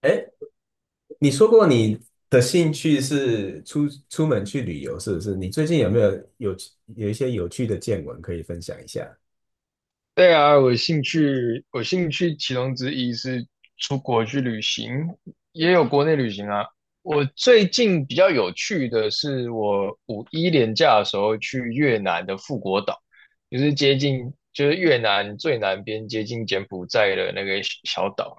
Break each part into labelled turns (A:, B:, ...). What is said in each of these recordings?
A: 哎，你说过你的兴趣是出门去旅游，是不是？你最近有没有有有一些有趣的见闻可以分享一下？
B: 对啊，我兴趣其中之一是出国去旅行，也有国内旅行啊。我最近比较有趣的是，我五一连假的时候去越南的富国岛，就是接近，就是越南最南边接近柬埔寨的那个小岛，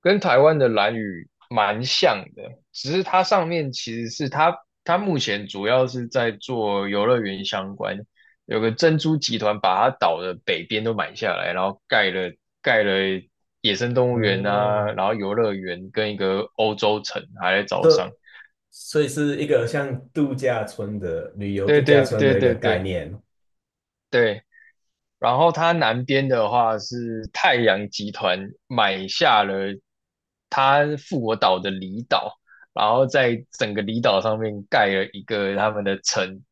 B: 跟台湾的兰屿蛮像的，只是它上面其实是它，它目前主要是在做游乐园相关，有个珍珠集团把它岛的北边都买下来，然后盖了野生动物园啊，
A: 哦，
B: 然后游乐园跟一个欧洲城还在招商。
A: 这所以是一个像度假村的旅游
B: 对
A: 度假
B: 对
A: 村
B: 对
A: 的一个
B: 对
A: 概
B: 对
A: 念。
B: 对，然后它南边的话是太阳集团买下了它复活岛的离岛，然后在整个离岛上面盖了一个他们的城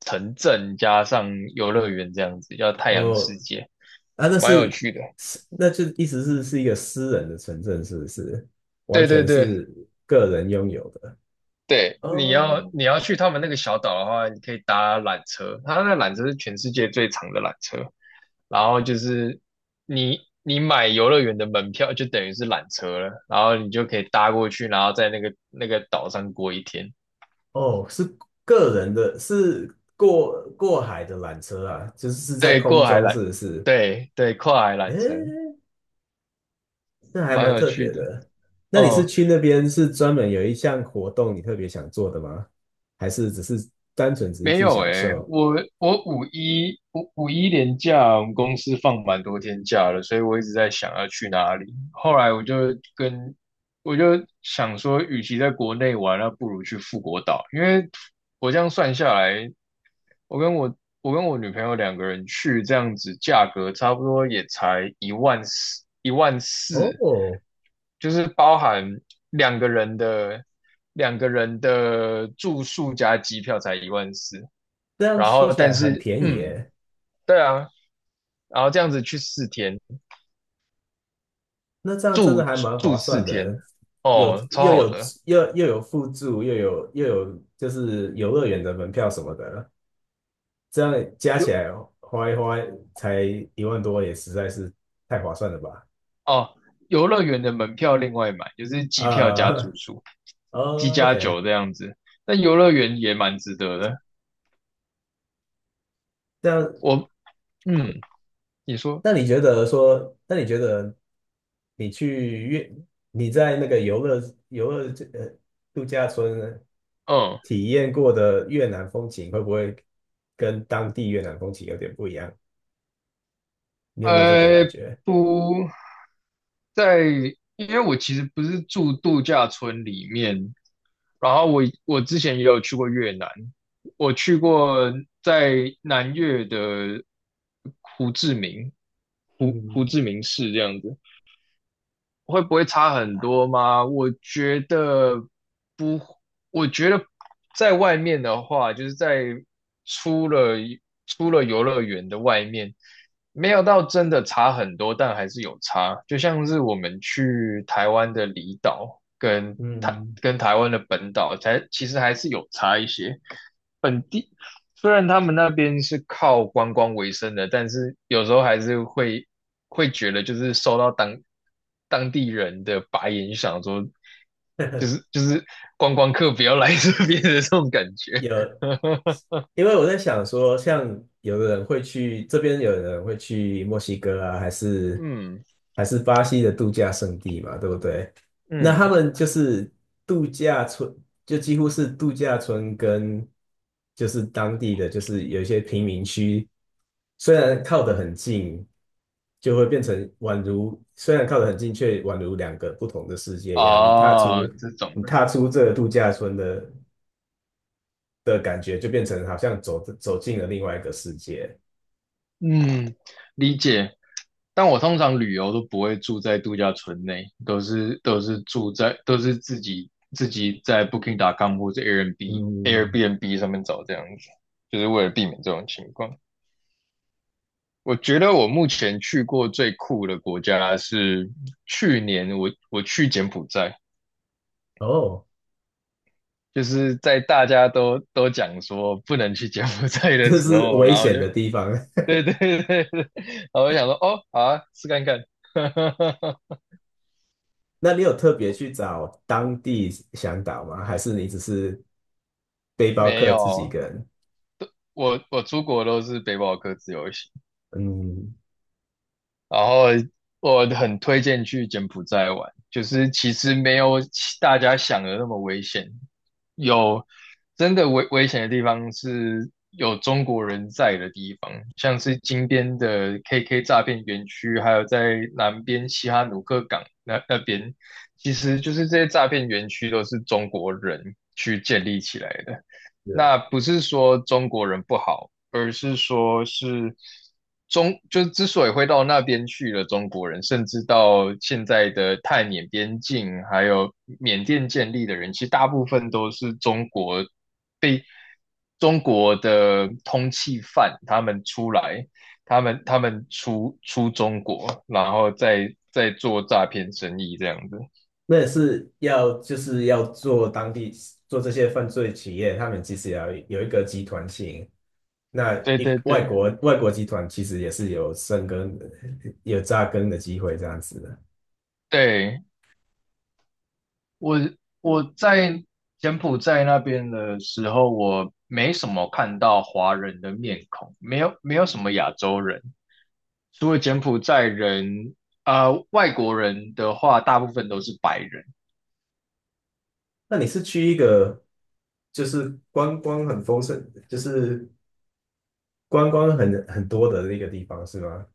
B: 城镇加上游乐园这样子，叫太阳世
A: 哦，
B: 界，
A: 啊，那
B: 蛮有
A: 是
B: 趣的。
A: 是，那就意思是是一个私人的城镇，是不是？完
B: 对对
A: 全
B: 对，
A: 是个人拥有的。
B: 对，你要
A: 哦，
B: 你要去他们那个小岛的话，你可以搭缆车，它那缆车是全世界最长的缆车。然后就是你买游乐园的门票，就等于是缆车了，然后你就可以搭过去，然后在那个岛上过一天。
A: 哦，是个人的，是过海的缆车啊，就是是在
B: 对，
A: 空
B: 过海
A: 中，
B: 缆，
A: 是不是？
B: 对对，跨海缆车，
A: 诶，那还
B: 蛮
A: 蛮
B: 有
A: 特
B: 趣
A: 别
B: 的。
A: 的。那你是
B: 嗯，
A: 去那边是专门有一项活动你特别想做的吗？还是只是单纯只是
B: 没
A: 去
B: 有
A: 享
B: 诶、
A: 受？
B: 我五一连假，我们公司放蛮多天假了，所以我一直在想要去哪里。后来跟我就想说，与其在国内玩，那不如去富国岛，因为我这样算下来，我跟我女朋友两个人去，这样子价格差不多也才一万四，
A: 哦，
B: 就是包含两个人的两个人的住宿加机票才一万四，
A: 这样
B: 然
A: 说
B: 后
A: 起
B: 但
A: 来很
B: 是
A: 便宜耶。
B: 对啊，然后这样子去四天，
A: 那这样真
B: 住
A: 的还蛮划
B: 住四
A: 算
B: 天，
A: 的，有
B: 哦，超
A: 又
B: 好
A: 有
B: 的，
A: 又有附住，又有就是游乐园的门票什么的，这样加起
B: 游
A: 来花才一万多，也实在是太划算了吧？
B: 哦，游乐园的门票另外买，就是机票加住
A: 啊，
B: 宿，机
A: 哦
B: 加
A: ，OK，
B: 酒这样子。那游乐园也蛮值得的。
A: 这样
B: 我嗯你说，
A: 那你觉得说，那你觉得你去越你在那个游乐游乐这呃度假村
B: 嗯
A: 体验过的越南风情，会不会跟当地越南风情有点不一样？你有没有这个感
B: 呃，
A: 觉？
B: 不在，因为我其实不是住度假村里面，然后我之前也有去过越南，我去过在南越的胡志明，胡胡
A: 嗯
B: 志明市这样子。会不会差很多吗？我觉得不，我觉得在外面的话，就是在出了出了游乐园的外面，没有到真的差很多，但还是有差。就像是我们去台湾的离岛跟
A: 嗯，
B: 台湾的本岛，才其实还是有差一些。本地。虽然他们那边是靠观光为生的，但是有时候还是会觉得，就是受到当地人的白眼，想说就是 就是观光客不要来这边的这种感觉。
A: 有，因为我在想说，像有的人会去这边，有的人会去墨西哥啊，还是
B: 嗯
A: 还是巴西的度假胜地嘛，对不对？那他
B: 嗯
A: 们就是度假村，就几乎是度假村跟就是当地的，就是有一些贫民区，虽然靠得很近，就会变成宛如虽然靠得很近，却宛如两个不同的世界一样。
B: 哦，这种。
A: 你
B: 的。
A: 踏出这个度假村的感觉，就变成好像走进了另外一个世界。
B: 嗯，理解。但我通常旅游都不会住在度假村内，都是住在都是自己在 Booking.com 或者 Airbnb
A: 嗯，
B: Airbnb 上面找这样子，就是为了避免这种情况。我觉得我目前去过最酷的国家是去年我去柬埔寨，
A: 哦，
B: 就是在大家都讲说不能去柬埔寨 的
A: 这
B: 时
A: 是
B: 候，
A: 危
B: 然后我
A: 险
B: 就
A: 的地方。
B: 对对对对，然后我就想说哦好啊，试看看。
A: 那你有特别去找当地向导吗？还是你只是背包
B: 没
A: 客自己一
B: 有，
A: 个人？
B: 我出国都是背包客自由行，
A: 嗯，
B: 然后我很推荐去柬埔寨玩，就是其实没有大家想的那么危险，有真的危险的地方是有中国人在的地方，像是金边的 KK 诈骗园区，还有在南边西哈努克港那边，其实就是这些诈骗园区都是中国人去建立起来的。
A: 是
B: 那不是说中国人不好，而是说就是之所以会到那边去了，中国人甚至到现在的泰缅边境，还有缅甸建立的人，其实大部分都是中国的通缉犯，他们出来，他们出中国，然后再做诈骗生意这样子。
A: 那也是要做当地做这些犯罪企业，他们其实也要有一个集团性。那
B: 对
A: 一
B: 对
A: 外
B: 对
A: 国外国集团其实也是有生根、有扎根的机会这样子的。
B: 对。我我在柬埔寨那边的时候，我没什么看到华人的面孔，没有什么亚洲人，除了柬埔寨人，外国人的话，大部分都是白人。
A: 那你是去一个就是观光很丰盛，就是观光很多的那个地方是吗？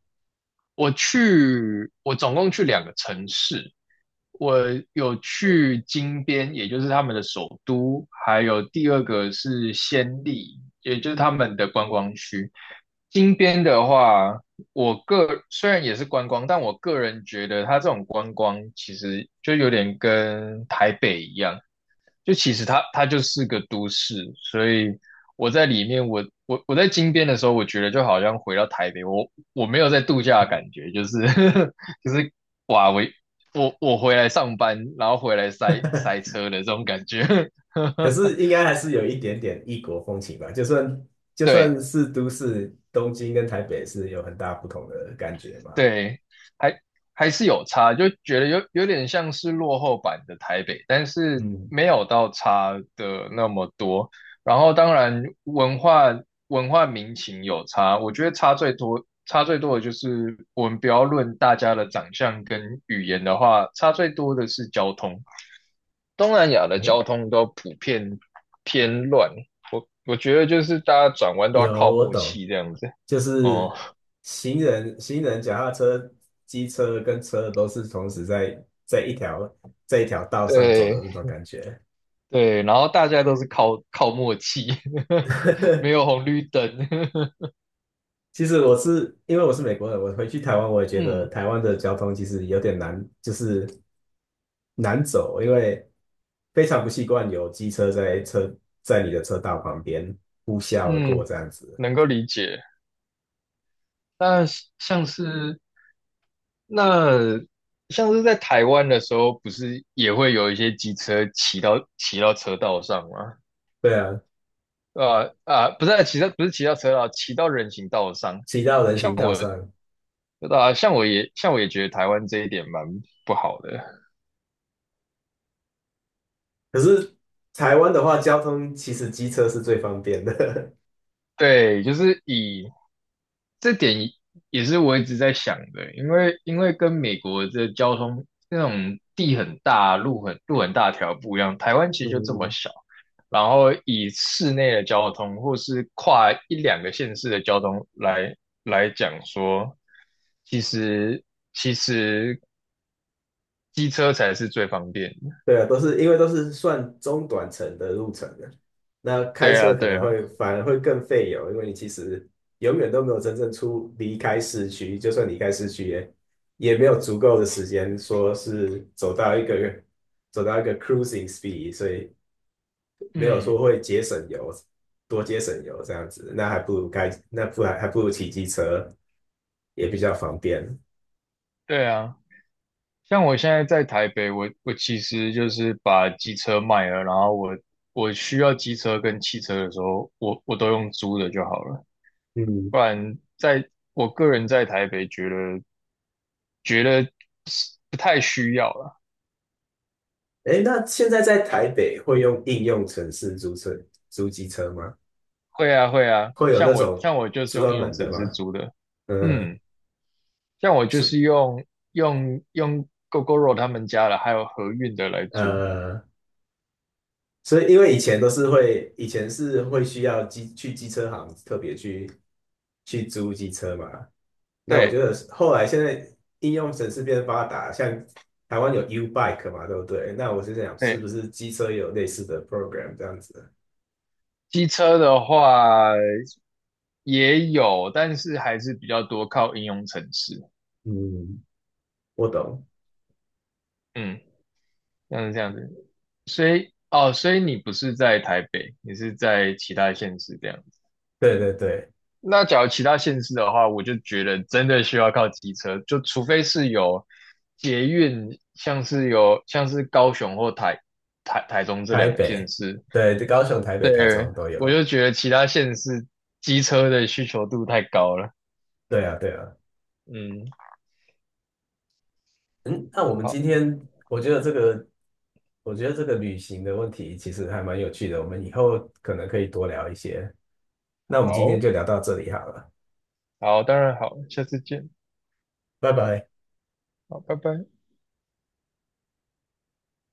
B: 我总共去两个城市，我有去金边，也就是他们的首都，还有第二个是暹粒，也就是他们的观光区。金边的话，虽然也是观光，但我个人觉得它这种观光其实就有点跟台北一样，就其实它就是个都市，所以我在里面，我在金边的时候，我觉得就好像回到台北，我没有在度假的感觉，就是 就是哇，我回来上班，然后回来塞车的这种感觉。
A: 可是 应该还是有一点点异国风情吧，就算就
B: 对，
A: 算是都市，东京跟台北是有很大不同的感觉嘛。
B: 对，还还是有差，就觉得有点像是落后版的台北，但是
A: 嗯，
B: 没有到差的那么多。然后当然文化民情有差，我觉得差最多的就是我们不要论大家的长相跟语言的话，差最多的是交通。东南亚的交通都普遍偏乱，我觉得就是大家转弯都要靠
A: 有，我
B: 默
A: 懂，
B: 契这样子。
A: 就
B: 哦，
A: 是行人、脚踏车、机车跟车都是同时在一条道上走
B: 对，
A: 的那种感觉。
B: 对，然后大家都是靠默契，没有红绿灯。
A: 其实我是因为我是美国人，我回去台湾，我也觉得
B: 嗯
A: 台湾的交通其实有点难，就是难走，因为非常不习惯有机车在你的车道旁边呼啸而过
B: 嗯，
A: 这样子。
B: 能够理解。那像是那像是在台湾的时候，不是也会有一些机车骑到车道上吗？
A: 对啊，
B: 啊啊，不是啊骑到不是骑到车道，骑到人行道上。
A: 骑到人
B: 像
A: 行道
B: 我
A: 上。
B: 像我也觉得台湾这一点蛮不好的。
A: 可是台湾的话，交通其实机车是最方便的。
B: 对，就是以这点也是我一直在想的，因为跟美国的交通那种地很大、路很大条不一样，台湾 其实就这么
A: 嗯，
B: 小，然后以市内的交通或是跨一两个县市的交通来讲说，其实其实机车才是最方便的。
A: 对啊，都是因为都是算中短程的路程的，那开
B: 对
A: 车
B: 啊，
A: 可
B: 对
A: 能
B: 啊，
A: 会反而会更费油，因为你其实永远都没有真正出离开市区，就算离开市区也也没有足够的时间说是走到一个 cruising speed，所以没有说
B: 嗯，
A: 会节省油，多节省油这样子，那还不如开，那不还还不如骑机车，也比较方便。
B: 对啊。像我现在在台北，我其实就是把机车卖了，然后我需要机车跟汽车的时候，我都用租的就好了。
A: 嗯，
B: 不然在我个人在台北觉得是不太需要了。
A: 哎，那现在在台北会用应用程式租车、租机车吗？
B: 会啊会啊，
A: 会有
B: 像
A: 那
B: 我
A: 种
B: 像我就是用应
A: 专
B: 用
A: 门的
B: 程式
A: 吗？
B: 租的，
A: 嗯，
B: 嗯，像我就
A: 是
B: 是用 GoGoRo 他们家的，还有和运的来租。
A: 呃，所以因为以前都是会，以前是会需要机车行特别去去租机车嘛，那我
B: 对
A: 觉得后来现在应用程式变发达，像台湾有 U Bike 嘛，对不对？那我是想，是
B: 对，
A: 不是机车也有类似的 program 这样子？
B: 机车的话也有，但是还是比较多靠应用城市，
A: 嗯，我懂，
B: 嗯，像是这样子。所以你不是在台北，你是在其他县市这样子。
A: 对对对，
B: 那假如其他县市的话，我就觉得真的需要靠机车，就除非是有捷运，像是高雄或台中这
A: 台
B: 两个县
A: 北，
B: 市，
A: 对，高雄、台北、台
B: 对，
A: 中都
B: 我
A: 有。
B: 就觉得其他县市机车的需求度太高了。
A: 对啊，对啊。
B: 嗯，
A: 嗯，那我们今
B: 好，
A: 天，我觉得这个，我觉得这个旅行的问题其实还蛮有趣的，我们以后可能可以多聊一些。那我们今天
B: 好。
A: 就聊到这里好了，
B: 好，当然好，下次见，
A: 拜拜。
B: 好，拜拜。